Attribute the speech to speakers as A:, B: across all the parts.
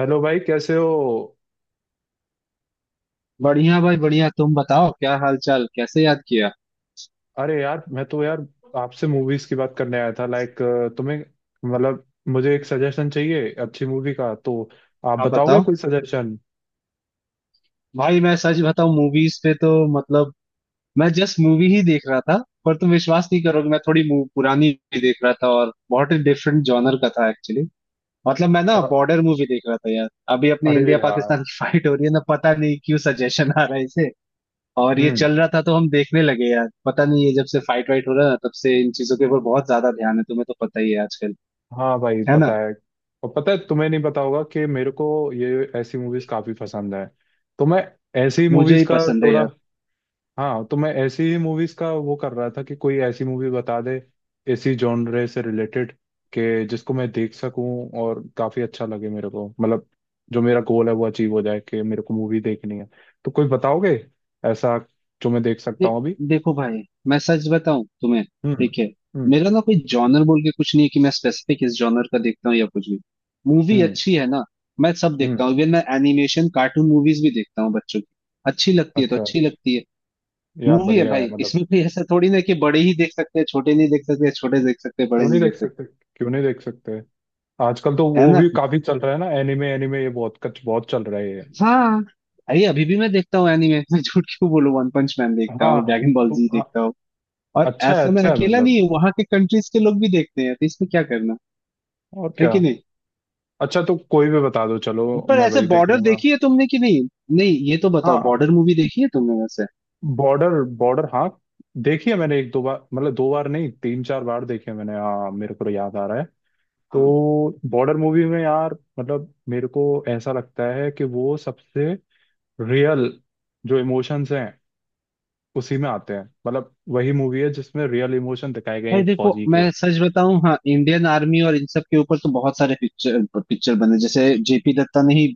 A: Hello भाई, कैसे हो?
B: बढ़िया भाई बढ़िया। तुम बताओ, क्या हाल चाल? कैसे याद किया?
A: अरे यार, मैं तो यार, आपसे मूवीज की बात करने आया था। लाइक, तुम्हें, मतलब, मुझे एक सजेशन चाहिए अच्छी मूवी का। तो आप
B: आप
A: बताओगे
B: बताओ।
A: कोई सजेशन?
B: भाई मैं सच बताऊं, मूवीज पे तो मतलब मैं जस्ट मूवी ही देख रहा था। पर तुम विश्वास नहीं करोगे, मैं थोड़ी पुरानी भी देख रहा था और बहुत ही डिफरेंट जॉनर का था एक्चुअली। मतलब मैं ना बॉर्डर मूवी देख रहा था यार। अभी अपने
A: अरे
B: इंडिया
A: यार।
B: पाकिस्तान की फाइट हो रही है ना, पता नहीं क्यों सजेशन आ रहा है इसे। और ये
A: हम्म।
B: चल रहा था तो हम देखने लगे यार। पता नहीं, ये जब से फाइट वाइट हो रहा है ना, तब से इन चीजों के ऊपर बहुत ज्यादा ध्यान है। तुम्हें तो पता ही है आजकल।
A: हाँ भाई,
B: है ना।
A: पता है। और पता है, तुम्हें नहीं पता होगा कि मेरे को ये ऐसी मूवीज काफी पसंद है। तो मैं ऐसी
B: मुझे
A: मूवीज
B: ही
A: का
B: पसंद है
A: थोड़ा।
B: यार।
A: हाँ, तो मैं ऐसी ही मूवीज का वो कर रहा था कि कोई ऐसी मूवी बता दे इसी जॉनरे से रिलेटेड, कि जिसको मैं देख सकूं और काफी अच्छा लगे मेरे को। मतलब जो मेरा गोल है वो अचीव हो जाए कि मेरे को मूवी देखनी है। तो कोई बताओगे ऐसा जो मैं देख सकता
B: दे,
A: हूँ अभी?
B: देखो भाई, मैं सच बताऊं तुम्हें,
A: हम्म।
B: ठीक है।
A: हम्म।
B: मेरा ना कोई जॉनर बोल के कुछ नहीं है कि मैं स्पेसिफिक इस जॉनर का देखता हूँ या कुछ भी। मूवी
A: हम्म।
B: अच्छी है ना, मैं सब देखता
A: हम्म।
B: हूँ। इवन मैं एनिमेशन कार्टून मूवीज भी देखता हूँ बच्चों की। अच्छी लगती है तो
A: अच्छा अच्छा।
B: अच्छी लगती है।
A: यार
B: मूवी है
A: बढ़िया है,
B: भाई,
A: मतलब।
B: इसमें कोई ऐसा थोड़ी ना कि बड़े ही देख सकते हैं छोटे नहीं देख सकते, छोटे देख सकते हैं, बड़े
A: क्यों नहीं
B: नहीं
A: देख
B: देख सकते।
A: सकते, क्यों नहीं देख सकते। आजकल तो
B: है
A: वो
B: ना।
A: भी काफी चल रहा है ना, एनिमे एनिमे ये बहुत कुछ बहुत चल रहा है ये।
B: हाँ। अरे अभी भी मैं देखता हूँ एनिमे, मैं झूठ क्यों बोलूं, वन पंच मैन देखता
A: हाँ
B: हूँ,
A: हाँ,
B: ड्रैगन बॉल
A: तो
B: जी देखता
A: अ-
B: हूँ। और
A: अच्छा है
B: ऐसा मैं
A: अच्छा है,
B: अकेला
A: मतलब।
B: नहीं हूँ, वहां के कंट्रीज के लोग भी देखते हैं तो इसमें क्या।
A: और
B: है
A: क्या?
B: कि नहीं।
A: अच्छा तो कोई भी बता दो, चलो।
B: पर
A: मैं
B: ऐसे
A: वही देख
B: बॉर्डर
A: लूंगा।
B: देखी है तुमने कि नहीं? नहीं ये तो बताओ,
A: हाँ।
B: बॉर्डर मूवी देखी है तुमने वैसे?
A: बॉर्डर, बॉर्डर, हाँ। देखी है मैंने, एक दो बार, मतलब दो बार नहीं, तीन चार बार देखी है मैंने। हाँ, मेरे को तो याद आ रहा है।
B: हाँ
A: तो बॉर्डर मूवी में यार, मतलब मेरे को ऐसा लगता है कि वो सबसे रियल जो इमोशंस हैं उसी में आते हैं। मतलब वही मूवी है जिसमें रियल इमोशन दिखाए गए हैं
B: भाई।
A: एक
B: देखो
A: फौजी के।
B: मैं सच बताऊं, हाँ, इंडियन आर्मी और इन सब के ऊपर तो बहुत सारे पिक्चर पिक्चर बने। जैसे जेपी दत्ता ने ही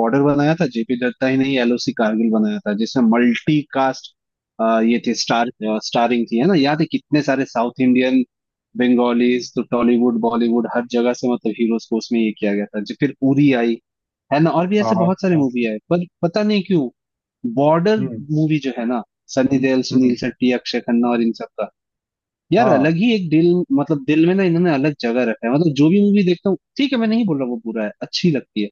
B: बॉर्डर बनाया था, जेपी दत्ता ही ने ही एलओसी कारगिल बनाया था जिसमें मल्टी कास्ट ये थे। स्टार स्टारिंग थी है ना, याद है कितने सारे साउथ इंडियन बंगालीज तो टॉलीवुड बॉलीवुड हर जगह से मतलब हीरोज को उसमें ये किया गया था। जो फिर उरी आई, है ना, और भी
A: हाँ
B: ऐसे बहुत सारे
A: हाँ।
B: मूवी आए। पर पता नहीं क्यों बॉर्डर
A: हम्म।
B: मूवी जो है ना, सनी देओल
A: हम्म।
B: सुनील शेट्टी अक्षय खन्ना और इन सब का यार अलग
A: हाँ।
B: ही एक दिल, मतलब दिल में ना इन्होंने अलग जगह रखा है। मतलब जो भी मूवी देखता हूँ ठीक है, मैं नहीं बोल रहा वो बुरा है, अच्छी लगती है।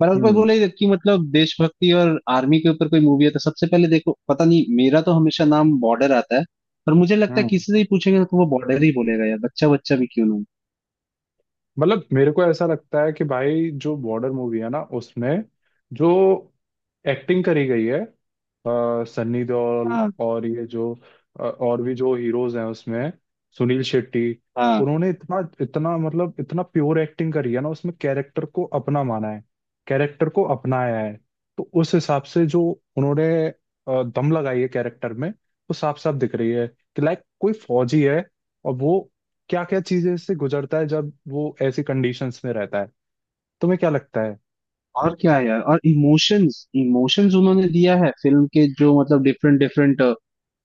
B: पर अगर कोई
A: हम्म।
B: बोले कि मतलब देशभक्ति और आर्मी के ऊपर कोई मूवी है तो सबसे पहले देखो, पता नहीं, मेरा तो हमेशा नाम बॉर्डर आता है। पर मुझे लगता है
A: हम्म।
B: किसी से ही पूछेंगे तो वो बॉर्डर ही बोलेगा यार, बच्चा बच्चा भी क्यों ना हो।
A: मतलब मेरे को ऐसा लगता है कि भाई जो बॉर्डर मूवी है ना उसमें जो एक्टिंग करी गई है सन्नी देओल
B: हाँ
A: और ये जो और भी जो हीरोज हैं उसमें, सुनील शेट्टी,
B: हाँ।
A: उन्होंने इतना इतना मतलब इतना प्योर एक्टिंग करी है ना उसमें, कैरेक्टर को अपना माना है, कैरेक्टर को अपनाया है। तो उस हिसाब से जो उन्होंने दम लगाई है कैरेक्टर में, वो साफ साफ दिख रही है कि लाइक कोई फौजी है और वो क्या क्या चीजें इससे गुजरता है जब वो ऐसी कंडीशंस में रहता है। तुम्हें क्या लगता है?
B: और क्या है यार। और इमोशंस इमोशंस उन्होंने दिया है फिल्म के जो, मतलब डिफरेंट डिफरेंट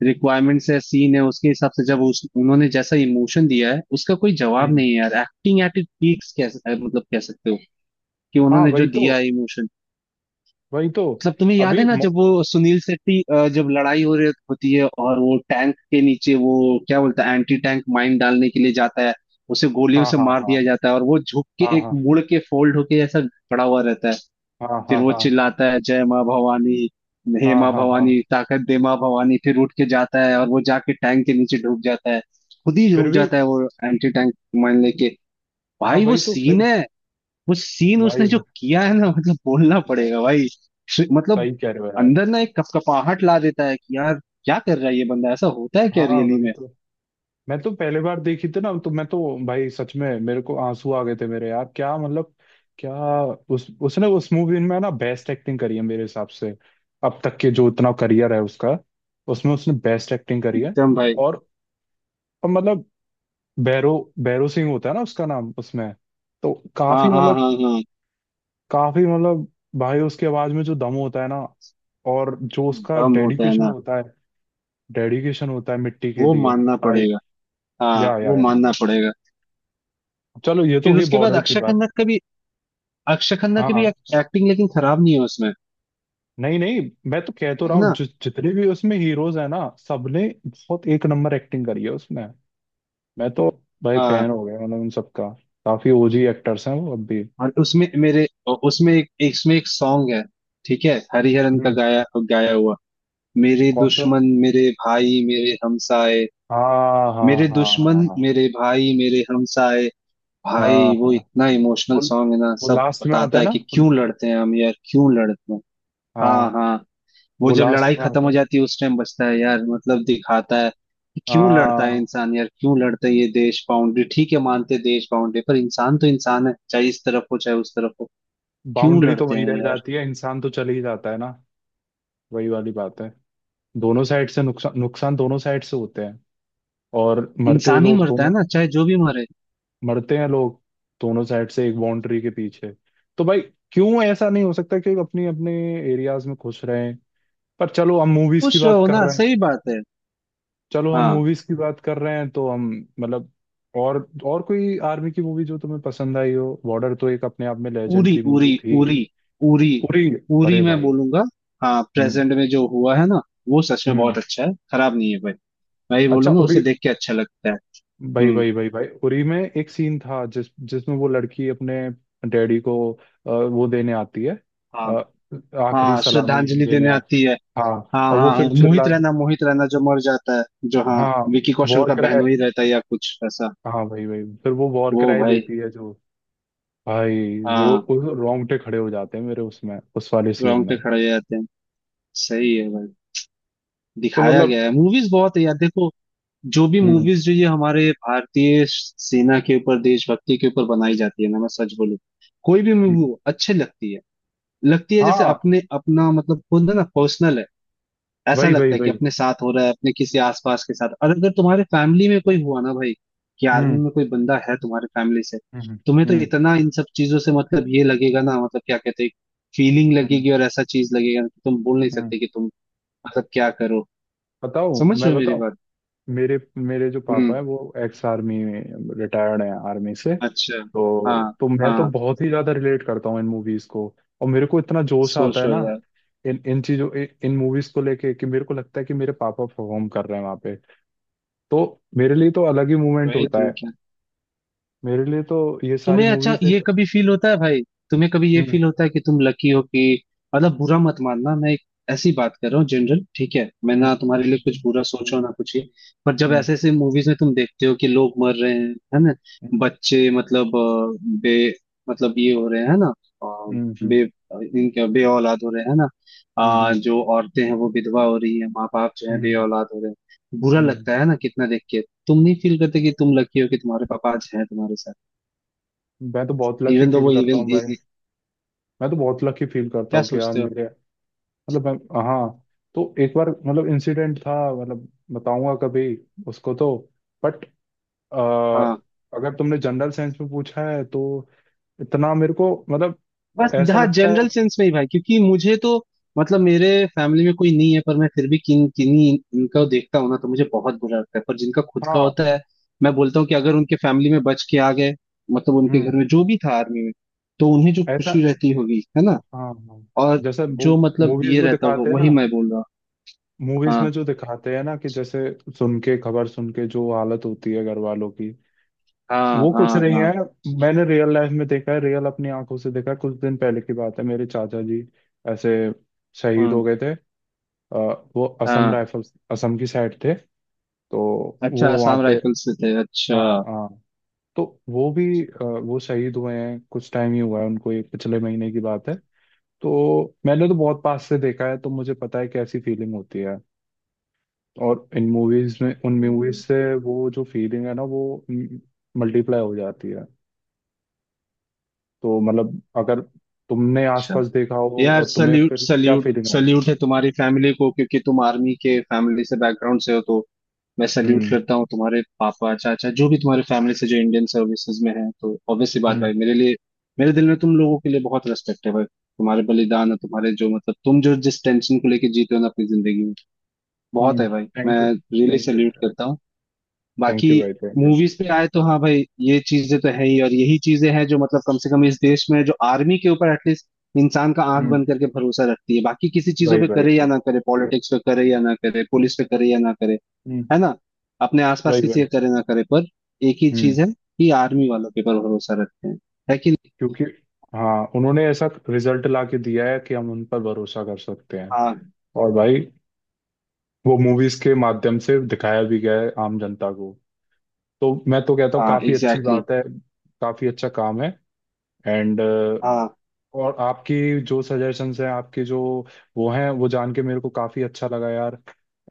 B: रिक्वायरमेंट्स है, सीन है, उसके हिसाब से जब उस उन्होंने जैसा इमोशन दिया है उसका कोई जवाब
A: हम्म।
B: नहीं है यार। एक्टिंग एट इट पीक्स, कैसे मतलब कह सकते हो कि
A: हाँ
B: उन्होंने जो
A: वही तो,
B: दिया है इमोशन।
A: वही तो।
B: मतलब तुम्हें याद
A: अभी
B: है ना
A: मो-
B: जब वो सुनील शेट्टी, जब लड़ाई हो रही होती है और वो टैंक के नीचे वो क्या बोलता है, एंटी टैंक माइन डालने के लिए जाता है, उसे गोलियों
A: हाँ
B: से
A: हाँ
B: मार
A: हाँ
B: दिया जाता है और वो झुक के
A: हाँ
B: एक
A: हाँ।
B: मुड़ के फोल्ड होके ऐसा खड़ा हुआ रहता है।
A: हाँ
B: फिर
A: हाँ।
B: वो
A: हाँ
B: चिल्लाता है, जय माँ भवानी, हे
A: हाँ
B: माँ
A: हाँ। हाँ
B: भवानी ताकत दे माँ भवानी, फिर उठ के जाता है और वो जाके टैंक के नीचे डूब जाता है। खुद ही
A: फिर
B: डूब
A: भी।
B: जाता है वो एंटी टैंक माइन लेके।
A: हाँ
B: भाई वो
A: वही तो फिर।
B: सीन है, वो सीन उसने
A: भाई।
B: जो किया है ना, मतलब बोलना
A: भाई।
B: पड़ेगा भाई। मतलब
A: सही कह रहे हो यार।
B: अंदर ना एक कपकपाहट ला देता है कि यार क्या कर रहा है ये बंदा, ऐसा होता है क्या
A: हाँ
B: रियली
A: वही
B: में।
A: तो। मैं तो पहली बार देखी थी ना, तो मैं तो, भाई सच में मेरे को आंसू आ गए थे मेरे, यार क्या मतलब, क्या, उस उसने उस मूवी में ना बेस्ट एक्टिंग करी है मेरे हिसाब से। अब तक के जो इतना करियर है उसका, उसमें उसने बेस्ट एक्टिंग करी है।
B: एकदम भाई।
A: और और मतलब, भैरव भैरव सिंह होता है ना उसका नाम उसमें, तो
B: हाँ
A: काफी
B: हाँ
A: मतलब,
B: हाँ हाँ।
A: काफी मतलब, भाई उसकी आवाज में जो दम होता है ना और जो उसका
B: दम होता है
A: डेडिकेशन
B: ना,
A: होता है, डेडिकेशन होता है मिट्टी के
B: वो
A: लिए।
B: मानना
A: भाई।
B: पड़ेगा। हाँ
A: या
B: वो
A: या।
B: मानना पड़ेगा।
A: चलो ये तो
B: फिर
A: हुई
B: उसके बाद
A: बॉर्डर की
B: अक्षय
A: बात।
B: खन्ना का भी, अक्षय खन्ना की भी
A: हाँ।
B: एक्टिंग लेकिन खराब नहीं है उसमें।
A: नहीं नहीं, मैं तो कह तो
B: है
A: रहा हूँ
B: ना।
A: जितने भी उसमें हीरोज है ना सबने बहुत एक नंबर एक्टिंग करी है उसमें। मैं तो, भाई फैन
B: हाँ।
A: हो गया मतलब उन सबका। काफी ओजी एक्टर्स हैं वो अब भी।
B: और उसमें मेरे उसमें एक इसमें एक सॉन्ग है, ठीक है, हरिहरन का
A: हम्म।
B: गाया गाया हुआ, मेरे
A: कौन सा?
B: दुश्मन मेरे भाई मेरे हमसाए,
A: हाँ हाँ
B: मेरे
A: हाँ हाँ।
B: दुश्मन
A: हाँ
B: मेरे भाई मेरे हमसाए।
A: हाँ
B: भाई
A: हाँ।
B: वो इतना इमोशनल
A: वो
B: सॉन्ग है ना,
A: वो
B: सब
A: लास्ट में आता
B: बताता
A: है
B: है
A: ना
B: कि
A: वो-
B: क्यों लड़ते हैं हम यार, क्यों लड़ते हैं। हाँ
A: हाँ,
B: हाँ। वो
A: वो
B: जब
A: लास्ट
B: लड़ाई
A: में
B: खत्म
A: आता
B: हो
A: है।
B: जाती है उस टाइम बचता है यार, मतलब दिखाता है कि क्यों लड़ता है
A: हाँ।
B: इंसान यार, क्यों लड़ता है। ये देश बाउंड्री ठीक है, मानते हैं देश बाउंड्री, पर इंसान तो इंसान है, चाहे इस तरफ हो चाहे उस तरफ हो। क्यों
A: बाउंड्री तो
B: लड़ते
A: वही रह
B: हैं यार।
A: जाती है, इंसान तो चले ही जाता है ना। वही वाली बात है। दोनों साइड से नुकसान, नुकसान दोनों साइड से होते हैं। और मरते
B: इंसान ही
A: लोग
B: मरता है
A: दोनों,
B: ना चाहे जो भी मरे।
A: मरते हैं लोग, दोनों साइड से एक बाउंड्री के पीछे। तो भाई क्यों ऐसा नहीं हो सकता कि अपनी, अपने एरियाज में खुश रहें? पर चलो हम मूवीज की
B: खुश
A: बात
B: रहो
A: कर
B: ना,
A: रहे हैं।
B: सही बात है।
A: चलो हम
B: हाँ।
A: मूवीज की बात कर रहे हैं तो हम, मतलब, और और कोई आर्मी की मूवी जो तुम्हें पसंद आई हो? बॉर्डर तो एक अपने आप में
B: उरी,
A: लेजेंडरी मूवी
B: उरी,
A: थी।
B: उरी, उरी,
A: उरी।
B: उरी
A: अरे
B: मैं
A: भाई।
B: बोलूंगा। हाँ
A: हम्म।
B: प्रेजेंट में जो हुआ है ना, वो सच में
A: हम्म।
B: बहुत अच्छा है, खराब नहीं है भाई। मैं ये
A: अच्छा,
B: बोलूंगा, उसे
A: उरी।
B: देख के अच्छा लगता है।
A: भाई
B: हम्म।
A: भाई भाई भाई, उरी में एक सीन था जिसमें वो लड़की अपने डैडी को वो देने आती है,
B: हाँ,
A: अ, आखिरी
B: हाँ
A: सलामी
B: श्रद्धांजलि
A: देने
B: देने
A: आ।
B: आती है।
A: हाँ,
B: हाँ
A: और वो
B: हाँ हाँ,
A: फिर
B: मोहित
A: चिल्ला।
B: रैना, मोहित रैना जो मर जाता है, जो, हाँ,
A: हाँ।
B: विकी कौशल
A: वॉर
B: का
A: कराए।
B: बहनोई रहता है या कुछ ऐसा।
A: हाँ, भाई भाई, फिर वो वॉर
B: वो
A: कराए
B: भाई।
A: देती है जो, भाई, वो
B: हाँ।
A: उस रोंगटे खड़े हो जाते हैं मेरे उसमें, उस वाले सीन
B: ग्राउंड
A: में।
B: पे खड़े हो जाते हैं। सही है भाई।
A: तो
B: दिखाया
A: मतलब,
B: गया है, मूवीज बहुत है यार, देखो जो भी
A: हम्म।
B: मूवीज जो ये हमारे भारतीय सेना के ऊपर देशभक्ति के ऊपर बनाई जाती है ना, मैं सच बोलूं, कोई भी
A: हम्म,
B: मूवी अच्छी लगती है। लगती है जैसे
A: हाँ
B: अपने अपना, मतलब खुद है ना, पर्सनल है। ऐसा
A: वही वही
B: लगता है कि
A: वही।
B: अपने साथ हो रहा है अपने किसी आसपास के साथ। और अगर तुम्हारे फैमिली में कोई हुआ ना भाई, कि आर्मी
A: हम्म।
B: में कोई बंदा है तुम्हारे फैमिली से,
A: हम्म।
B: तुम्हें तो
A: हम्म।
B: इतना इन सब चीजों से मतलब ये लगेगा ना, मतलब क्या कहते हैं, फीलिंग
A: हम्म।
B: लगेगी। और ऐसा चीज लगेगा ना कि तुम बोल नहीं
A: हम्म।
B: सकते कि तुम मतलब क्या करो।
A: बताऊं,
B: समझ
A: मैं
B: रहे हो मेरी
A: बताऊं,
B: बात।
A: मेरे मेरे जो पापा है
B: हम्म।
A: वो एक्स आर्मी में, रिटायर्ड हैं आर्मी से।
B: अच्छा। हाँ
A: तो मैं तो
B: हाँ।
A: बहुत ही ज्यादा रिलेट करता हूँ इन मूवीज को। और मेरे को इतना जोश आता है
B: सोचो
A: ना
B: यार।
A: इन इन चीजों इन, इन मूवीज को लेके, कि मेरे को लगता है कि मेरे पापा परफॉर्म कर रहे हैं वहां पे। तो मेरे लिए तो अलग ही मूवमेंट
B: वही
A: होता है।
B: तुम्हें
A: मेरे लिए तो ये सारी
B: तुम्हें अच्छा
A: मूवीज
B: ये
A: एक।
B: कभी फील होता है भाई? तुम्हें कभी ये
A: हम्म।
B: फील होता है कि तुम लकी हो कि, मतलब बुरा मत मानना, मैं एक ऐसी बात कर रहा हूँ जनरल, ठीक है, मैं
A: हम्म।
B: ना तुम्हारे लिए कुछ बुरा सोच रहा हूँ ना कुछ ये। पर जब
A: हम्म।
B: ऐसे ऐसे मूवीज में तुम देखते हो कि लोग मर रहे हैं, है ना, बच्चे, मतलब अ, बे मतलब ये हो रहे हैं, है ना, अ,
A: हम्म। हम्म। हम्म।
B: बे इनके बे औलाद हो रहे हैं, है ना,
A: हम्म। हम्म। हम्म।
B: जो औरतें हैं वो विधवा हो रही हैं, माँ बाप जो है बे
A: हम्म,
B: औलाद हो रहे हैं, बुरा
A: हम्म,
B: लगता है ना कितना देख के। तुम नहीं फील करते कि तुम लकी हो कि तुम्हारे पापा आज हैं तुम्हारे साथ।
A: मैं तो बहुत लकी
B: इवन दो
A: फील
B: वो
A: करता
B: इविल
A: हूँ भाई। मैं तो बहुत लकी फील करता
B: क्या
A: हूँ कि यार
B: सोचते हो।
A: मेरे, मतलब हाँ, तो एक बार, मतलब, इंसिडेंट था, मतलब बताऊंगा कभी उसको, तो बट
B: हाँ।
A: अगर तुमने जनरल साइंस में पूछा है तो इतना मेरे को मतलब
B: बस
A: ऐसा
B: हाँ
A: लगता है।
B: जनरल सेंस में ही भाई, क्योंकि मुझे तो मतलब मेरे फैमिली में कोई नहीं है, पर मैं फिर भी किन किन्हीं इनका देखता हूँ ना तो मुझे बहुत बुरा लगता है। पर जिनका खुद का
A: हाँ।
B: होता है, मैं बोलता हूँ कि अगर उनके फैमिली में बच के आ गए, मतलब उनके घर
A: हम्म।
B: में जो भी था आर्मी में, तो उन्हें जो
A: ऐसा,
B: खुशी रहती होगी है ना,
A: हाँ हाँ,
B: और
A: जैसे
B: जो मतलब
A: मूवीज
B: ये
A: में
B: रहता होगा,
A: दिखाते हैं
B: वही
A: ना,
B: मैं बोल रहा हूँ।
A: मूवीज में
B: हाँ
A: जो दिखाते हैं ना कि जैसे सुन के, खबर सुन के जो हालत होती है घर वालों की,
B: हाँ
A: वो कुछ
B: हाँ
A: नहीं
B: हाँ।
A: है। मैंने रियल लाइफ में देखा है, रियल अपनी आंखों से देखा है। कुछ दिन पहले की बात है, मेरे चाचा जी ऐसे शहीद हो
B: हम्म,
A: गए थे। अ, वो असम
B: हाँ।
A: राइफल्स, असम की साइड थे। तो
B: अच्छा,
A: वो वहाँ
B: आसाम
A: पे,
B: राइफल्स में थे, अच्छा।
A: हाँ हाँ, तो वो भी वो शहीद हुए हैं, कुछ टाइम ही हुआ है उनको, ये पिछले महीने की बात है। तो मैंने तो बहुत पास से देखा है, तो मुझे पता है कैसी फीलिंग होती है। और इन मूवीज में, उन मूवीज से वो जो फीलिंग है ना वो मल्टीप्लाई हो जाती है। तो मतलब अगर तुमने
B: अच्छा
A: आसपास देखा हो
B: यार,
A: और तुम्हें
B: सल्यूट
A: फिर क्या
B: सल्यूट
A: फीलिंग आए।
B: सल्यूट है तुम्हारी फैमिली को, क्योंकि तुम आर्मी के फैमिली से बैकग्राउंड से हो तो मैं सल्यूट
A: हम्म।
B: करता हूँ तुम्हारे पापा चाचा जो भी तुम्हारे फैमिली से जो इंडियन सर्विसेज में है, तो ऑब्वियसली बात
A: हम्म।
B: भाई, मेरे लिए मेरे दिल में तुम लोगों के लिए बहुत रेस्पेक्ट है भाई, तुम्हारे बलिदान और तुम्हारे जो मतलब तुम जो जिस टेंशन को लेके जीते हो ना अपनी जिंदगी में, बहुत
A: हम्म।
B: है भाई। मैं
A: thank you.
B: Really
A: thank you.
B: Salute करता हूँ। बाकी
A: थैंक यू भाई, थैंक यू।
B: मूवीज पे आए तो हाँ भाई, ये चीजें तो है ही, और यही चीजें हैं जो मतलब कम से कम इस देश में जो आर्मी के ऊपर एटलीस्ट इंसान का आंख
A: हम्म।
B: बंद करके भरोसा रखती है, बाकी किसी चीजों
A: भाई
B: पे
A: भाई
B: करे या
A: भाई।
B: ना करे, पॉलिटिक्स पे करे या ना करे, पुलिस पे करे या ना करे,
A: हम्म।
B: है ना, अपने आसपास
A: भाई भाई।
B: किसी पे करे ना करे, पर एक ही
A: हम्म।
B: चीज है कि आर्मी वालों के ऊपर भरोसा रखते हैं। है कि नहीं।
A: क्योंकि, हाँ, उन्होंने ऐसा रिजल्ट ला के दिया है कि हम उन पर भरोसा कर सकते हैं।
B: हाँ।
A: और भाई, वो मूवीज के माध्यम से दिखाया भी गया है आम जनता को। तो मैं तो कहता हूँ
B: हाँ
A: काफी अच्छी
B: एग्जैक्टली exactly,
A: बात है, काफी अच्छा काम है। एंड,
B: हाँ
A: और आपकी जो सजेशंस हैं आपके जो वो हैं, वो जान के मेरे को काफ़ी अच्छा लगा यार।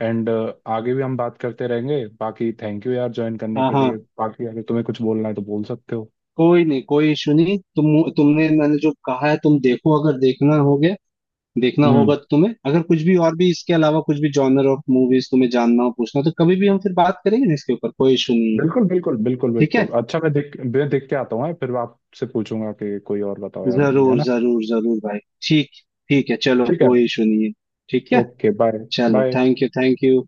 A: एंड, आगे भी हम बात करते रहेंगे। बाकी थैंक यू यार ज्वाइन करने
B: हाँ
A: के
B: हाँ।
A: लिए। बाकी अगर तुम्हें कुछ बोलना है तो बोल सकते हो।
B: कोई नहीं, कोई इशू नहीं। तुमने मैंने जो कहा है, तुम देखो, अगर देखना हो गया देखना
A: हम्म।
B: होगा तुम्हें, अगर कुछ भी और भी इसके अलावा कुछ भी जॉनर ऑफ मूवीज तुम्हें जानना हो पूछना हो तो कभी भी हम फिर बात करेंगे ना इसके ऊपर, कोई इशू नहीं है।
A: बिल्कुल बिल्कुल बिल्कुल
B: ठीक
A: बिल्कुल।
B: है,
A: अच्छा, मैं देख के आता हूँ, फिर आपसे पूछूंगा कि कोई और बताओ यार मुझे, है
B: जरूर
A: ना?
B: जरूर जरूर भाई। ठीक ठीक है चलो,
A: ठीक है।
B: कोई इशू नहीं है। ठीक है,
A: ओके, बाय।
B: चलो
A: bye.
B: Thank you thank you.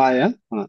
B: Bye. हाँ हाँ।